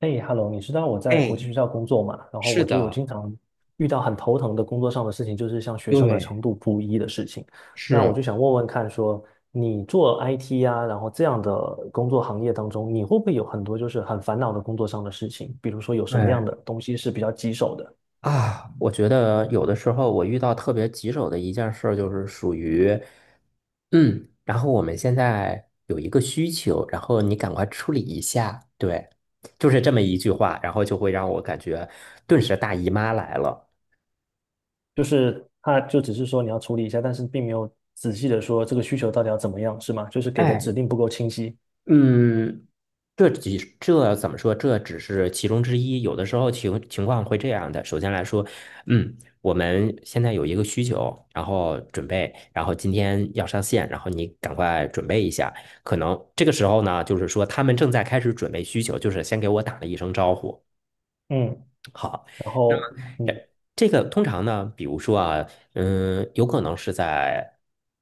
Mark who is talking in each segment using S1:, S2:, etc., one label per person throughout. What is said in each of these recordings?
S1: 哎，Hello，你知道我在国际
S2: 哎，
S1: 学校工作嘛？然后
S2: 是
S1: 我就有
S2: 的，
S1: 经常遇到很头疼的工作上的事情，就是像学生的程
S2: 对，
S1: 度不一的事情。那我
S2: 是，
S1: 就想问问看说，你做 IT 呀、然后这样的工作行业当中，你会不会有很多就是很烦恼的工作上的事情？比如说有什么
S2: 对，
S1: 样的东西是比较棘手的？
S2: 啊，我觉得有的时候我遇到特别棘手的一件事儿，就是属于，然后我们现在有一个需求，然后你赶快处理一下，对，就是这么一句话，然后就会让我感觉顿时大姨妈来了。
S1: 就是他就只是说你要处理一下，但是并没有仔细的说这个需求到底要怎么样，是吗？就是给的指
S2: 哎，
S1: 令不够清晰。
S2: 嗯，这怎么说？这只是其中之一。有的时候情况会这样的。首先来说，我们现在有一个需求，然后准备，然后今天要上线，然后你赶快准备一下。可能这个时候呢，就是说他们正在开始准备需求，就是先给我打了一声招呼。
S1: 嗯，然后
S2: 这个通常呢，比如说啊，有可能是在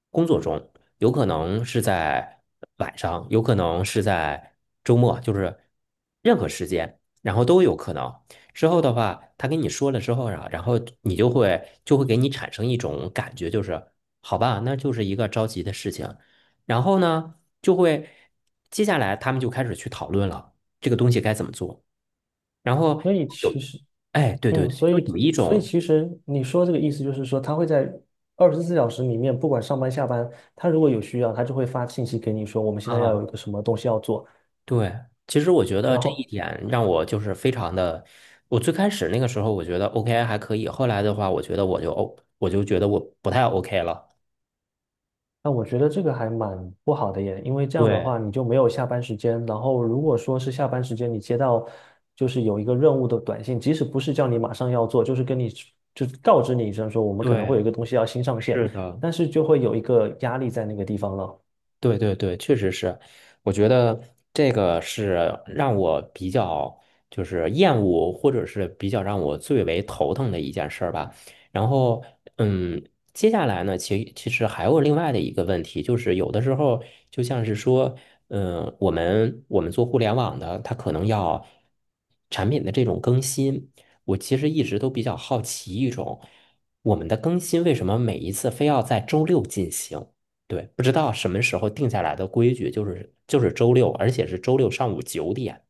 S2: 工作中，有可能是在晚上，有可能是在周末，就是任何时间，然后都有可能。之后的话，他跟你说了之后啊，然后你就会给你产生一种感觉，就是好吧，那就是一个着急的事情。然后呢，就会接下来他们就开始去讨论了，这个东西该怎么做。然后
S1: 所以
S2: 有，
S1: 其实。
S2: 哎，对对
S1: 嗯，
S2: 对，
S1: 所
S2: 就
S1: 以
S2: 有一
S1: 所以
S2: 种
S1: 其实你说这个意思就是说，他会在二十四小时里面，不管上班下班，他如果有需要，他就会发信息给你说，我们现在要
S2: 啊，
S1: 有一个什么东西要做。
S2: 对，其实我觉得
S1: 然
S2: 这一
S1: 后，
S2: 点让我就是非常的，我最开始那个时候我觉得 OK 还可以，后来的话我觉得我就 O，我就觉得我不太 OK 了。
S1: 那我觉得这个还蛮不好的耶，因为这样的
S2: 对
S1: 话你就没有下班时间。然后，如果说是下班时间你接到就是有一个任务的短信，即使不是叫你马上要做，就是跟你就是告知你一声说我们可能会有
S2: 对，
S1: 一个东西要新上线，
S2: 是的，
S1: 但是就会有一个压力在那个地方了。
S2: 对对对，确实是，我觉得这个是让我比较就是厌恶，或者是比较让我最为头疼的一件事儿吧。然后，嗯，接下来呢，其实还有另外的一个问题，就是有的时候就像是说，我们做互联网的，它可能要产品的这种更新，我其实一直都比较好奇一种，我们的更新为什么每一次非要在周六进行？对，不知道什么时候定下来的规矩，就是周六，而且是周六上午9点。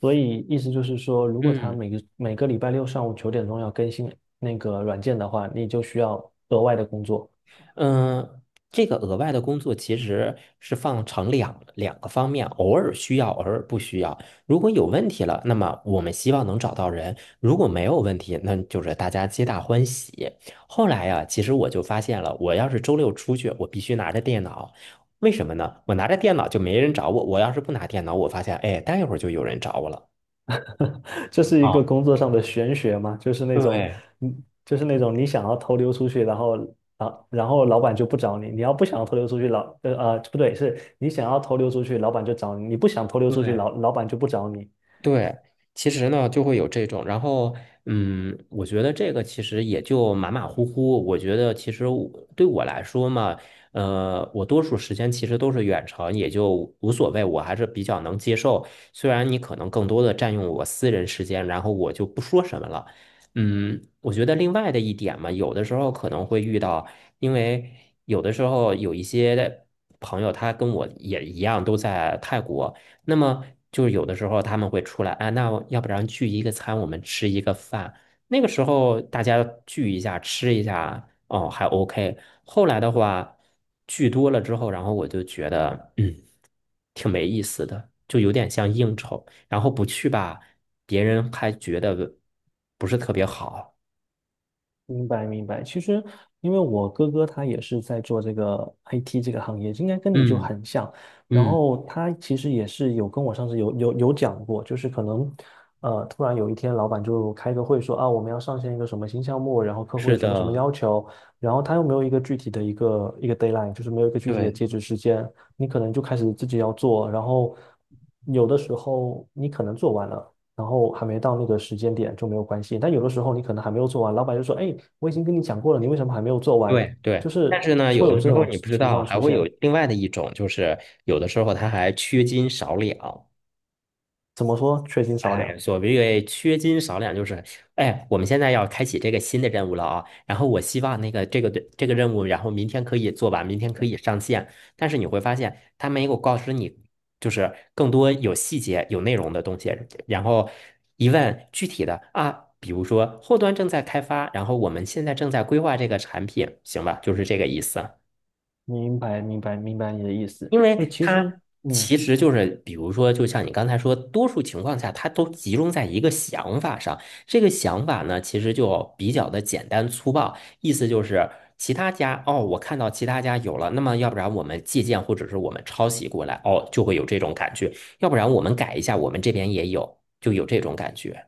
S1: 所以意思就是说，如果他
S2: 嗯
S1: 每个礼拜六上午9点钟要更新那个软件的话，你就需要额外的工作。
S2: 嗯，这个额外的工作其实是放成两个方面，偶尔需要，偶尔不需要。如果有问题了，那么我们希望能找到人；如果没有问题，那就是大家皆大欢喜。后来呀，其实我就发现了，我要是周六出去，我必须拿着电脑。为什么呢？我拿着电脑就没人找我，我要是不拿电脑，我发现，哎，待一会儿就有人找我了。
S1: 这是一个
S2: 啊，
S1: 工作上的玄学嘛？就是那种，
S2: 对
S1: 嗯，就是那种你想要偷溜出去，然后啊，然后老板就不找你。你要不想要偷溜出去，不对，是你想要偷溜出去，老板就找你；你不想偷溜出去，
S2: 对
S1: 老板就不找你。
S2: 对，其实呢就会有这种，然后我觉得这个其实也就马马虎虎。我觉得其实我对我来说嘛，我多数时间其实都是远程，也就无所谓，我还是比较能接受。虽然你可能更多的占用我私人时间，然后我就不说什么了。我觉得另外的一点嘛，有的时候可能会遇到，因为有的时候有一些朋友他跟我也一样都在泰国。那么就是有的时候他们会出来，啊，那要不然聚一个餐，我们吃一个饭。那个时候大家聚一下，吃一下，哦，还 OK。后来的话，聚多了之后，然后我就觉得，挺没意思的，就有点像应酬。然后不去吧，别人还觉得不是特别好。
S1: 明白明白，其实因为我哥哥他也是在做这个 IT 这个行业，应该跟你就
S2: 嗯
S1: 很像。然
S2: 嗯，
S1: 后他其实也是有跟我上次有讲过，就是可能突然有一天老板就开个会说啊我们要上线一个什么新项目，然后客户有
S2: 是
S1: 什么什么
S2: 的，
S1: 要求，然后他又没有一个具体的一个 deadline，就是没有一个具体的
S2: 对
S1: 截止时间，你可能就开始自己要做，然后有的时候你可能做完了。然后还没到那个时间点就没有关系。但有的时候你可能还没有做完，老板就说：“哎，我已经跟你讲过了，你为什么还没有做完？”
S2: 对对。
S1: 就是
S2: 但是呢，
S1: 会
S2: 有
S1: 有
S2: 的
S1: 这
S2: 时候
S1: 种
S2: 你不知
S1: 情
S2: 道，
S1: 况
S2: 还
S1: 出
S2: 会
S1: 现。
S2: 有另外的一种，就是有的时候他还缺斤少两。
S1: 怎么说？缺斤少
S2: 哎，
S1: 两。
S2: 所谓缺斤少两，就是哎，我们现在要开启这个新的任务了啊。然后我希望那个这个对这个任务，然后明天可以做完，明天可以上线。但是你会发现，他没有告知你，就是更多有细节、有内容的东西。然后一问具体的啊，比如说后端正在开发，然后我们现在正在规划这个产品，行吧？就是这个意思。
S1: 明白，明白，明白你的意思。
S2: 因
S1: 哎，
S2: 为
S1: 其
S2: 它
S1: 实，嗯
S2: 其实就是，比如说，就像你刚才说，多数情况下，它都集中在一个想法上。这个想法呢，其实就比较的简单粗暴，意思就是其他家哦，我看到其他家有了，那么要不然我们借鉴或者是我们抄袭过来，哦，就会有这种感觉；要不然我们改一下，我们这边也有，就有这种感觉。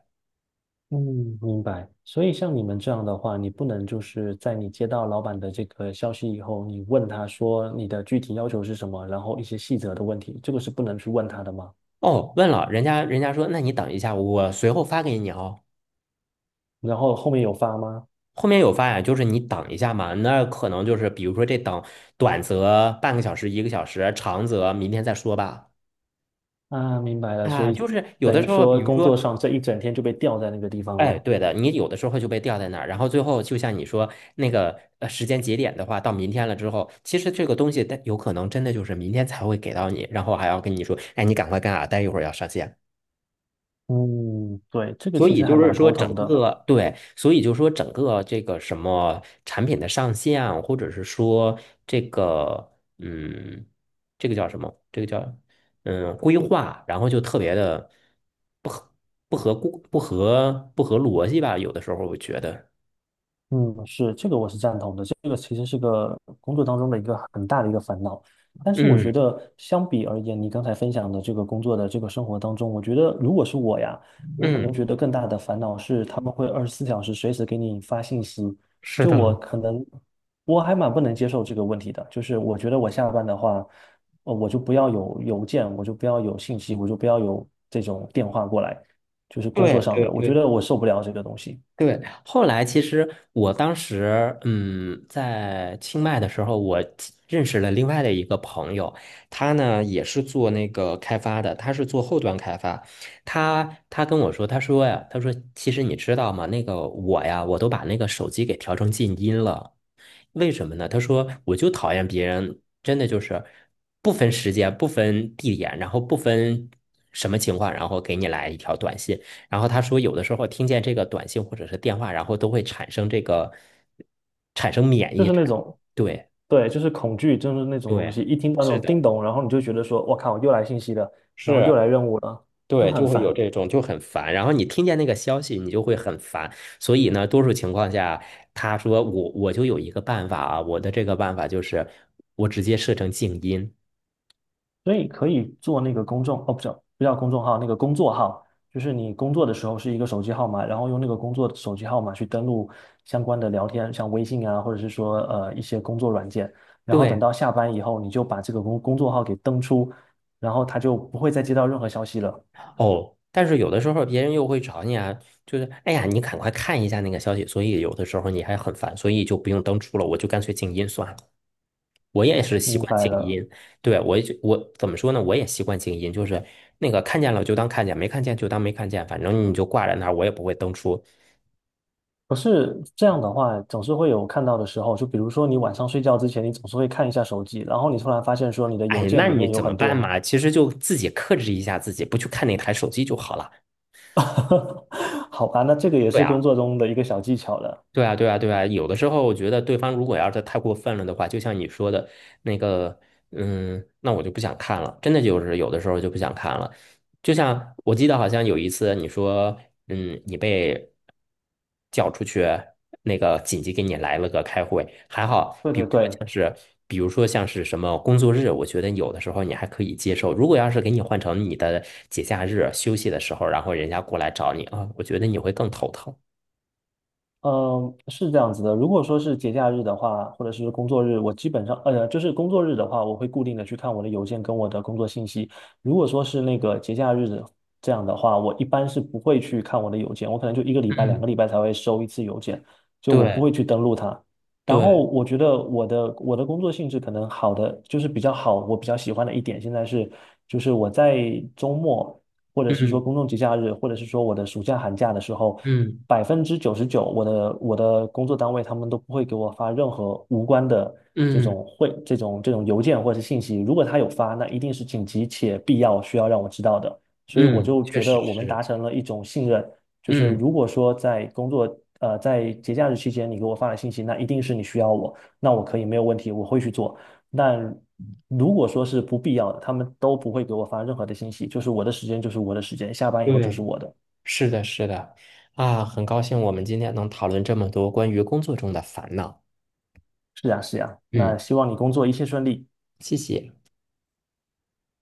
S1: 嗯，明白。所以像你们这样的话，你不能就是在你接到老板的这个消息以后，你问他说你的具体要求是什么，然后一些细则的问题，这个是不能去问他的吗？
S2: 哦，问了人家，人家说，那你等一下，我随后发给你哦。
S1: 然后后面有发吗？
S2: 后面有发呀，就是你等一下嘛，那可能就是比如说这等短则半个小时、一个小时，长则明天再说吧。
S1: 啊，明白了，所
S2: 啊，
S1: 以
S2: 就是有
S1: 等
S2: 的
S1: 于
S2: 时候，比
S1: 说
S2: 如
S1: 工
S2: 说，
S1: 作上这一整天就被吊在那个地方
S2: 哎，
S1: 了。
S2: 对的，你有的时候就被吊在那儿，然后最后就像你说那个时间节点的话，到明天了之后，其实这个东西它有可能真的就是明天才会给到你，然后还要跟你说，哎，你赶快干啊，待一会儿要上线。
S1: 嗯，对，这个
S2: 所
S1: 其
S2: 以
S1: 实还
S2: 就是
S1: 蛮
S2: 说，
S1: 头
S2: 整
S1: 疼的。
S2: 个对，所以就是说，整个这个什么产品的上线，或者是说这个嗯，这个叫什么？这个叫规划，然后就特别的不合不合顾不合不合逻辑吧？有的时候我觉得，
S1: 嗯，是，这个我是赞同的。这个其实是个工作当中的一个很大的一个烦恼。但是我觉
S2: 嗯
S1: 得，相比而言，你刚才分享的这个工作的这个生活当中，我觉得如果是我呀，我可能
S2: 嗯，
S1: 觉得更大的烦恼是他们会二十四小时随时给你发信息。
S2: 是
S1: 就我
S2: 的。
S1: 可能，我还蛮不能接受这个问题的。就是我觉得我下班的话，我就不要有邮件，我就不要有信息，我就不要有这种电话过来，就是工作
S2: 对
S1: 上的，
S2: 对
S1: 我觉
S2: 对
S1: 得我受不了这个东西。
S2: 对，后来其实我当时，在清迈的时候，我其认识了另外的一个朋友，他呢也是做那个开发的，他是做后端开发。他跟我说，他说呀，他说其实你知道吗？那个我呀，我都把那个手机给调成静音了。为什么呢？他说我就讨厌别人，真的就是不分时间、不分地点，然后不分什么情况，然后给你来一条短信。然后他说，有的时候听见这个短信或者是电话，然后都会产生这个产生免
S1: 就
S2: 疫
S1: 是
S2: 症
S1: 那种
S2: 对
S1: 对，就是恐惧，就是那种东
S2: 对，
S1: 西，一听到那
S2: 是
S1: 种叮
S2: 的，
S1: 咚，然后你就觉得说，我靠，又来信息了，然后
S2: 是。
S1: 又来任务了，就
S2: 对，
S1: 很
S2: 就会有
S1: 烦。
S2: 这种就很烦，然后你听见那个消息，你就会很烦。所以呢，多数情况下，他说我就有一个办法啊，我的这个办法就是我直接设成静音。
S1: 所以可以做那个公众，哦，不是，不叫公众号，那个工作号，就是你工作的时候是一个手机号码，然后用那个工作手机号码去登录相关的聊天，像微信啊，或者是说一些工作软件，然后等
S2: 对，
S1: 到下班以后，你就把这个工作号给登出，然后他就不会再接到任何消息了。
S2: 哦，但是有的时候别人又会找你啊，就是哎呀，你赶快看一下那个消息，所以有的时候你还很烦，所以就不用登出了，我就干脆静音算了。我也是习
S1: 明
S2: 惯
S1: 白
S2: 静
S1: 了。
S2: 音，对，我也就我怎么说呢？我也习惯静音，就是那个看见了就当看见，没看见就当没看见，反正你就挂在那儿，我也不会登出。
S1: 不是这样的话，总是会有看到的时候。就比如说，你晚上睡觉之前，你总是会看一下手机，然后你突然发现说你的邮
S2: 哎，
S1: 件
S2: 那
S1: 里
S2: 你
S1: 面有
S2: 怎么
S1: 很
S2: 办
S1: 多。
S2: 嘛？其实就自己克制一下自己，不去看那台手机就好了。
S1: 好吧，那这个也
S2: 对
S1: 是
S2: 啊。
S1: 工作中的一个小技巧了。
S2: 对啊，对啊，对啊，有的时候我觉得对方如果要是太过分了的话，就像你说的那个，那我就不想看了，真的就是有的时候就不想看了。就像我记得好像有一次你说，你被叫出去，那个紧急给你来了个开会，还好，
S1: 对
S2: 比
S1: 对
S2: 如说像
S1: 对，
S2: 是，比如说像是什么工作日，我觉得有的时候你还可以接受。如果要是给你换成你的节假日休息的时候，然后人家过来找你啊，我觉得你会更头疼。
S1: 嗯，是这样子的。如果说是节假日的话，或者是工作日，我基本上，就是工作日的话，我会固定的去看我的邮件跟我的工作信息。如果说是那个节假日的这样的话，我一般是不会去看我的邮件，我可能就一个礼拜、两
S2: 嗯，
S1: 个礼拜才会收一次邮件，就我不
S2: 对。
S1: 会去登录它。然后
S2: 对，
S1: 我觉得我的工作性质可能好的就是比较好，我比较喜欢的一点现在是，就是我在周末。或者是说
S2: 嗯
S1: 公众节假日，或者是说我的暑假寒假的时候，
S2: 嗯
S1: 99%我的工作单位他们都不会给我发任何无关的这
S2: 嗯
S1: 种会这种这种邮件或者是信息。如果他有发，那一定是紧急且必要需要让我知道的。所以我
S2: 嗯，
S1: 就
S2: 确
S1: 觉
S2: 实
S1: 得我们达
S2: 是，
S1: 成了一种信任，就是
S2: 嗯，
S1: 如果说在工作在节假日期间你给我发了信息，那一定是你需要我，那我可以没有问题，我会去做。但如果说是不必要的，他们都不会给我发任何的信息，就是我的时间就是我的时间，下班以后就是
S2: 对，
S1: 我的。
S2: 是的，是的，啊，很高兴我们今天能讨论这么多关于工作中的烦恼，
S1: 是呀，是呀，
S2: 嗯，
S1: 那希望你工作一切顺利。
S2: 谢谢。